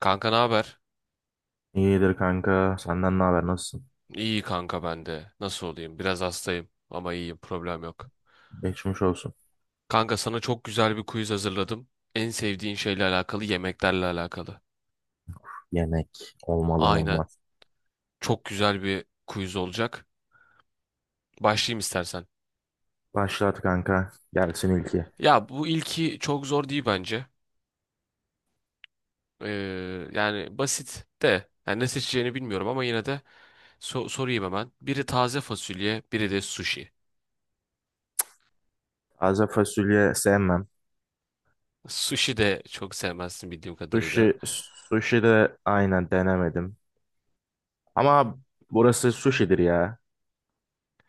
Kanka ne haber? İyidir kanka. Senden ne haber? Nasılsın? İyi kanka ben de. Nasıl olayım? Biraz hastayım ama iyiyim. Problem yok. Geçmiş olsun. Kanka sana çok güzel bir quiz hazırladım. En sevdiğin şeyle alakalı, yemeklerle alakalı. Yemek olmadan Aynen. olmaz. Çok güzel bir quiz olacak. Başlayayım istersen. Başlat kanka. Gelsin ilki. Ya bu ilki çok zor değil bence. Ee, Yani basit de. Yani ne seçeceğini bilmiyorum ama yine de sorayım hemen. Biri taze fasulye, biri de sushi. Taze fasulye sevmem. Sushi de çok sevmezsin bildiğim Sushi, kadarıyla. sushi de aynen denemedim. Ama burası sushi'dir ya.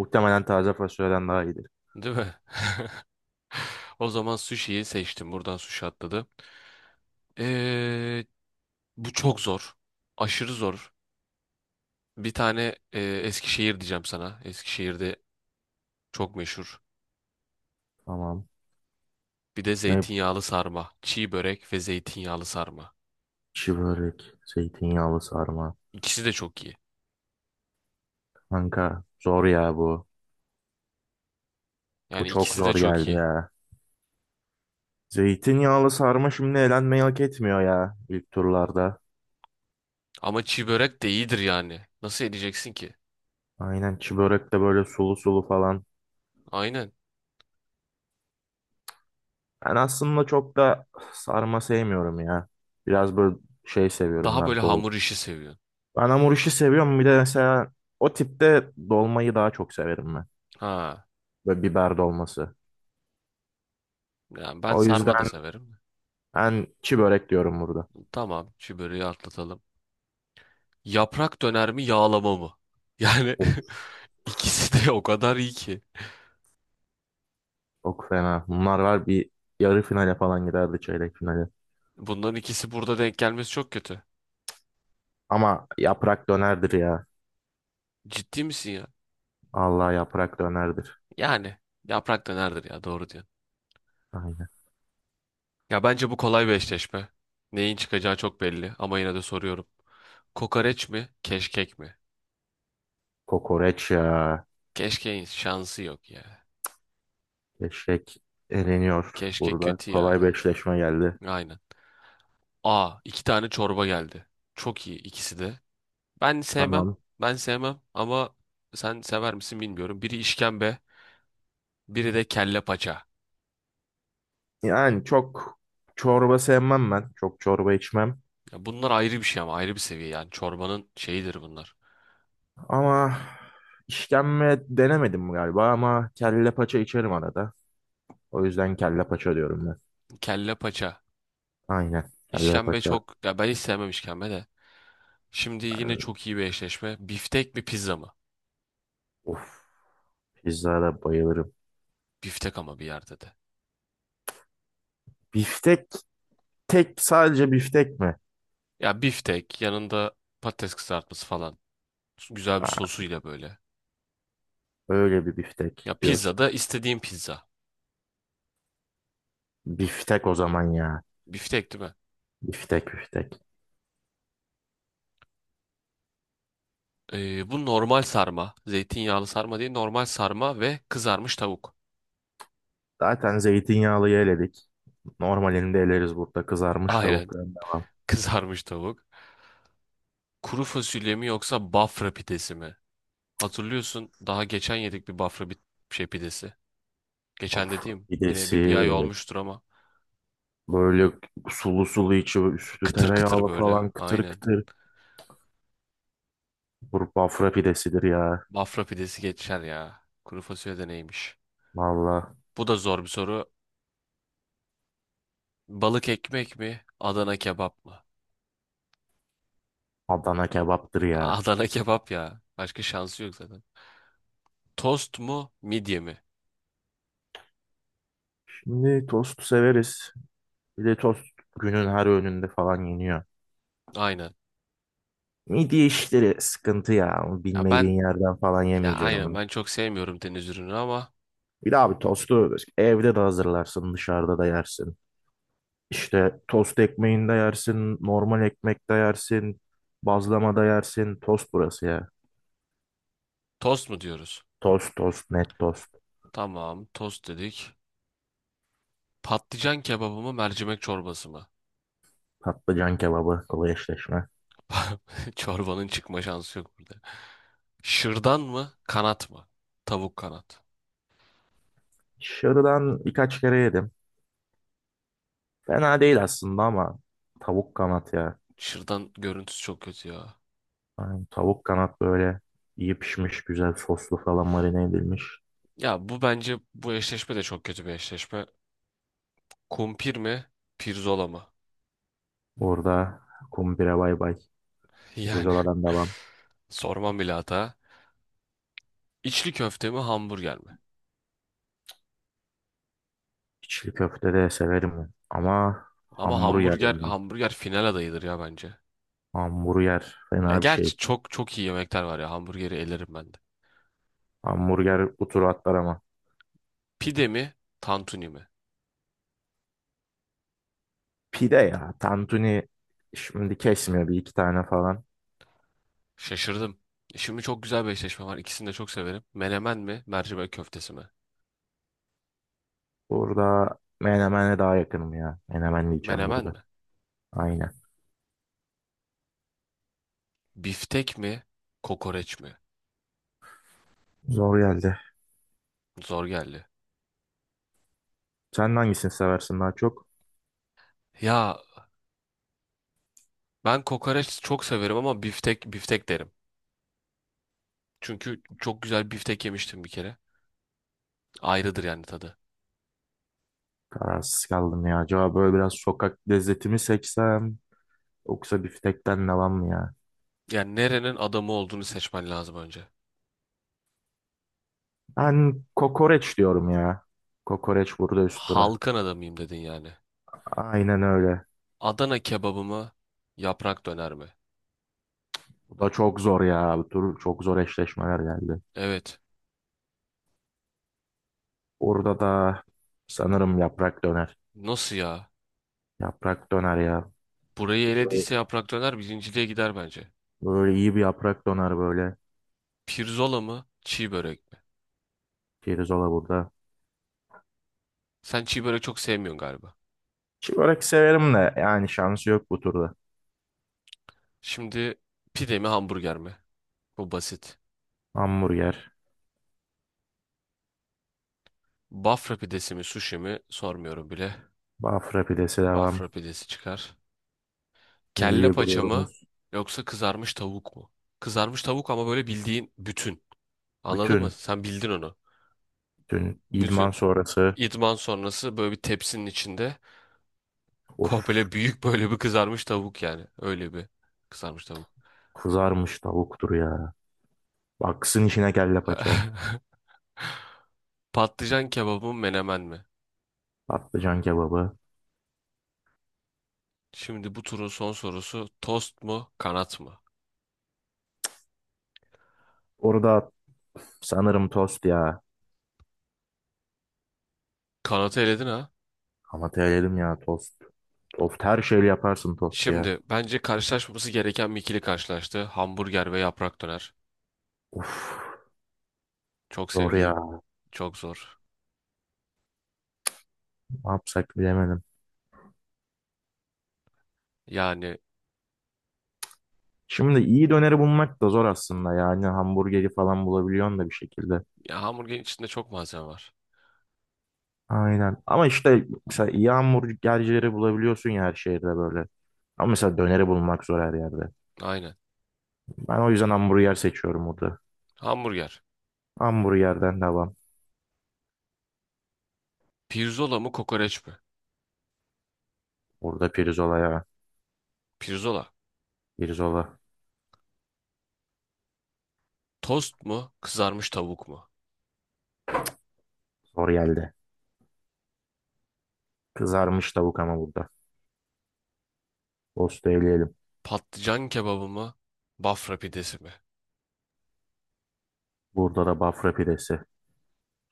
Muhtemelen taze fasulyeden daha iyidir. Değil mi? O zaman sushi'yi seçtim. Buradan sushi atladı. Ee, Bu çok zor. Aşırı zor. Bir tane Eskişehir diyeceğim sana. Eskişehir'de çok meşhur. Tamam. Bir de Ne? zeytinyağlı sarma. Çiğ börek ve zeytinyağlı sarma. Çiğ börek, zeytinyağlı sarma. İkisi de çok iyi. Kanka zor ya bu. Bu Yani çok ikisi de zor çok geldi iyi. ya. Zeytinyağlı sarma şimdi elenmeyi hak etmiyor ya ilk turlarda. Ama çiğ börek de iyidir yani. Nasıl edeceksin ki? Aynen çi börek de böyle sulu sulu falan. Aynen. Ben aslında çok da sarma sevmiyorum ya. Biraz böyle şey seviyorum Daha böyle ben dol. hamur işi seviyorsun. Ben hamur işi seviyorum, bir de mesela o tipte dolmayı daha çok severim ben. Ha. Böyle biber dolması. Yani ben O sarma da yüzden severim. ben çi börek diyorum burada. Tamam, çiğ böreği atlatalım. Yaprak döner mi, yağlama mı? Yani Of, İkisi de o kadar iyi ki. çok fena. Bunlar var, bir yarı finale falan giderdi, çeyrek finale. Bunların ikisi burada denk gelmesi çok kötü. Ama yaprak dönerdir ya. Ciddi misin ya? Allah yaprak dönerdir. Yani yaprak dönerdir ya doğru diyorsun. Aynen. Ya bence bu kolay bir eşleşme. Neyin çıkacağı çok belli ama yine de soruyorum. Kokoreç mi? Keşkek mi? Kokoreç ya. Keşkeğin şansı yok ya. Eşek eleniyor Keşkek burada. kötü ya. Kolay bir eşleşme geldi. Aynen. Aa iki tane çorba geldi. Çok iyi ikisi de. Ben sevmem. Tamam. Ben sevmem ama sen sever misin bilmiyorum. Biri işkembe, biri de kelle paça. Yani çok çorba sevmem ben. Çok çorba içmem. Ya bunlar ayrı bir şey ama ayrı bir seviye yani çorbanın şeyidir bunlar. Ama işkembe denemedim galiba ama kelle paça içerim arada. O yüzden kelle paça diyorum ben. Kelle paça. Aynen. Kelle İşkembe paça. çok ya ben hiç sevmem işkembe de. Şimdi yine çok iyi bir eşleşme. Biftek mi pizza mı? Of. Pizzada bayılırım. Biftek ama bir yerde de. Biftek tek, sadece biftek mi? Ya biftek yanında patates kızartması falan. Güzel bir Aa, sosuyla böyle. öyle bir Ya biftek pizza diyorsun. da istediğim pizza. Biftek o zaman ya. Biftek değil mi? Biftek. Bu normal sarma. Zeytinyağlı sarma değil normal sarma ve kızarmış tavuk. Zaten zeytinyağlıyı eledik. Normalinde eleriz burada, kızarmış Aynen tavukların devam. kızarmış tavuk. Kuru fasulye mi yoksa Bafra pidesi mi? Hatırlıyorsun daha geçen yedik bir Bafra bir şey pidesi. Geçen Of, dediğim yine pidesi bir ay olmuştur ama böyle sulu sulu, içi üstü kıtır kıtır tereyağlı böyle falan, kıtır aynen. kıtır. Bu bafra pidesidir ya. Bafra pidesi geçer ya. Kuru fasulye de neymiş? Valla Bu da zor bir soru. Balık ekmek mi? Adana kebap mı? Adana kebaptır ya. Adana kebap ya. Başka şansı yok zaten. Tost mu? Midye mi? Şimdi tost severiz. Bir de tost günün her öğününde falan yeniyor. Aynen. Midye işleri sıkıntı ya. Ya, Bilmediğin yerden falan ya yemeyeceksin aynen onu. ben çok sevmiyorum deniz ürünü ama Bir de abi tostu evde de hazırlarsın, dışarıda da yersin. İşte tost ekmeğinde yersin, normal ekmekte yersin, bazlamada yersin. Tost burası ya. tost mu diyoruz? Tost, net tost. Tamam tost dedik. Patlıcan kebabı mı mercimek çorbası mı? Patlıcan kebabı, kolay eşleşme. Çorbanın çıkma şansı yok burada. Şırdan mı? Kanat mı? Tavuk kanat. Şırdan birkaç kere yedim. Fena değil aslında ama tavuk kanat ya. Şırdan görüntüsü çok kötü ya. Yani tavuk kanat böyle iyi pişmiş, güzel soslu falan, marine edilmiş. Ya bu bence bu eşleşme de çok kötü bir eşleşme. Kumpir mi? Pirzola mı? Orada kumpire bay bay. Yani Pirzolardan devam. sormam bile hata. İçli köfte mi? Hamburger mi? İçli köfte de severim ben, ama Ama hamburger hamburger yani. hamburger final adayıdır ya bence. Hamburger Ya fena bir gerçi şey. çok çok iyi yemekler var ya. Hamburgeri elerim ben de. Hamburger bu turu atlar ama. Pide mi? Tantuni mi? Pide ya. Tantuni şimdi kesmiyor bir iki tane falan. Şaşırdım. Şimdi çok güzel bir eşleşme var. İkisini de çok severim. Menemen mi? Mercimek köftesi mi? Burada menemene daha yakınım ya. Menemen diyeceğim Menemen burada. mi? Aynen. Biftek mi? Kokoreç mi? Zor geldi. Zor geldi. Sen hangisini seversin daha çok? Ya ben kokoreç çok severim ama biftek biftek derim. Çünkü çok güzel biftek yemiştim bir kere. Ayrıdır yani tadı. Kararsız kaldım ya. Acaba böyle biraz sokak lezzeti mi seçsem? Yoksa biftekten devam mı ya? Yani nerenin adamı olduğunu seçmen lazım önce. Ben kokoreç diyorum ya. Kokoreç burada üst dura. Halkın adamıyım dedin yani. Aynen öyle. Adana kebabı mı? Yaprak döner mi? Bu da çok zor ya. Bu tur çok zor eşleşmeler geldi. Evet. Orada da sanırım yaprak döner. Nasıl ya? Yaprak döner ya. Burayı Böyle elediyse yaprak döner birinciliğe gider bence. İyi bir yaprak döner böyle. Pirzola mı? Çiğ börek mi? Pirzola burada. Sen çiğ börek çok sevmiyorsun galiba. Çiğörek severim de yani şansı yok bu turda. Şimdi pide mi hamburger mi? Bu basit. Hamburger, Bafra pidesi mi sushi mi sormuyorum bile. Bafra pidesi devam. Bafra pidesi çıkar. Kelle Milli paça mı gururumuz. yoksa kızarmış tavuk mu? Kızarmış tavuk ama böyle bildiğin bütün. Anladın mı? Bütün, Sen bildin onu. bütün idman Bütün. sonrası. İdman sonrası böyle bir tepsinin içinde Of, komple büyük böyle bir kızarmış tavuk yani. Öyle bir kızarmış tavuk. kızarmış tavuktur ya. Baksın içine kelle paça. Patlıcan kebabı mı menemen mi? Patlıcan kebabı. Şimdi bu turun son sorusu tost mu kanat mı? Orada sanırım tost ya. Kanatı eledin ha. Ama terim ya tost. Tost her şeyle yaparsın, tost ya. Şimdi bence karşılaşmaması gereken bir ikili karşılaştı. Hamburger ve yaprak döner. Of, Çok zor sevdiğim, ya. çok zor. Ne yapsak bilemedim. Yani Şimdi iyi döneri bulmak da zor aslında, yani hamburgeri falan bulabiliyorsun da bir şekilde. ya hamburgerin içinde çok malzeme var. Aynen. Ama işte mesela iyi hamburgercileri bulabiliyorsun ya her şehirde böyle. Ama mesela döneri bulmak zor her yerde. Aynen. Ben o yüzden hamburger seçiyorum burada. Hamburger. Hamburgerden devam. Pirzola mı kokoreç mi? Burada pirzola ya. Pirzola. Pirzola. Tost mu? Kızarmış tavuk mu? Zor geldi. Kızarmış tavuk ama burada. Tost eleyelim. Patlıcan kebabı mı? Bafra pidesi mi? Burada da bafra pidesi.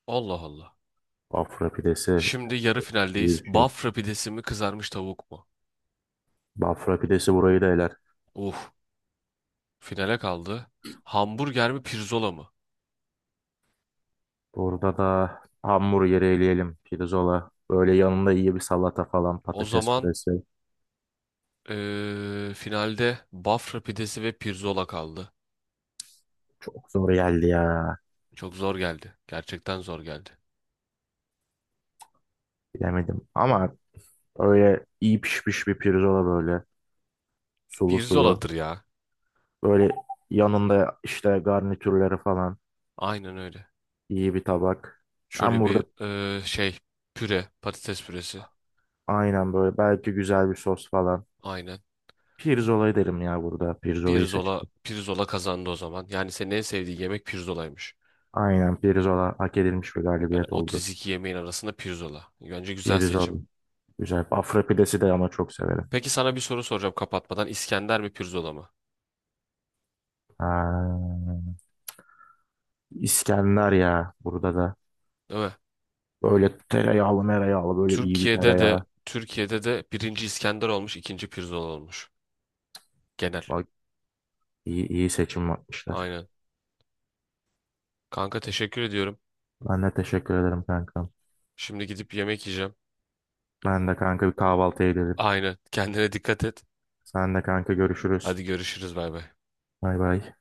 Allah Allah. Bafra pidesi Şimdi yarı İyi finaldeyiz. bir şey. Bafra pidesi mi kızarmış tavuk mu? Bafra pidesi burayı da eler. Uh. Finale kaldı. Hamburger mi pirzola mı? Burada da hamburgeri eleyelim. Pirzola. Böyle yanında iyi bir salata falan. O Patates zaman püresi. Finalde Bafra pidesi ve pirzola kaldı. Çok zor geldi ya. Çok zor geldi. Gerçekten zor geldi. Bilemedim. Ama öyle iyi pişmiş bir pirzola böyle. Sulu sulu. Pirzoladır ya. Böyle yanında işte garnitürleri falan. Aynen öyle. İyi bir tabak. Ben Şöyle burada bir püre, patates püresi. aynen böyle belki güzel bir sos falan. Aynen. Pirzola derim ya burada. Pirzolayı Pirzola, seçerim. pirzola kazandı o zaman. Yani senin en sevdiğin yemek pirzolaymış. Aynen, pirzola hak edilmiş bir Yani galibiyet oldu. 32 yemeğin arasında pirzola. Bence güzel Pirzola. seçim. Güzel. Afra pidesi de ama çok severim. Peki sana bir soru soracağım kapatmadan. İskender mi pirzola mı? Ha, İskender ya burada da. Değil mi? Böyle tereyağlı mereyağlı, böyle iyi bir Türkiye'de tereyağı. de Türkiye'de de birinci İskender olmuş, ikinci pirzola olmuş. Genel. Bak, iyi, iyi seçim yapmışlar. Aynen. Kanka teşekkür ediyorum. Ben de teşekkür ederim kankam. Şimdi gidip yemek yiyeceğim. Ben de kanka, bir kahvaltıya gidelim. Aynen. Kendine dikkat et. Sen de kanka, görüşürüz. Hadi görüşürüz bay bay. Bay bay.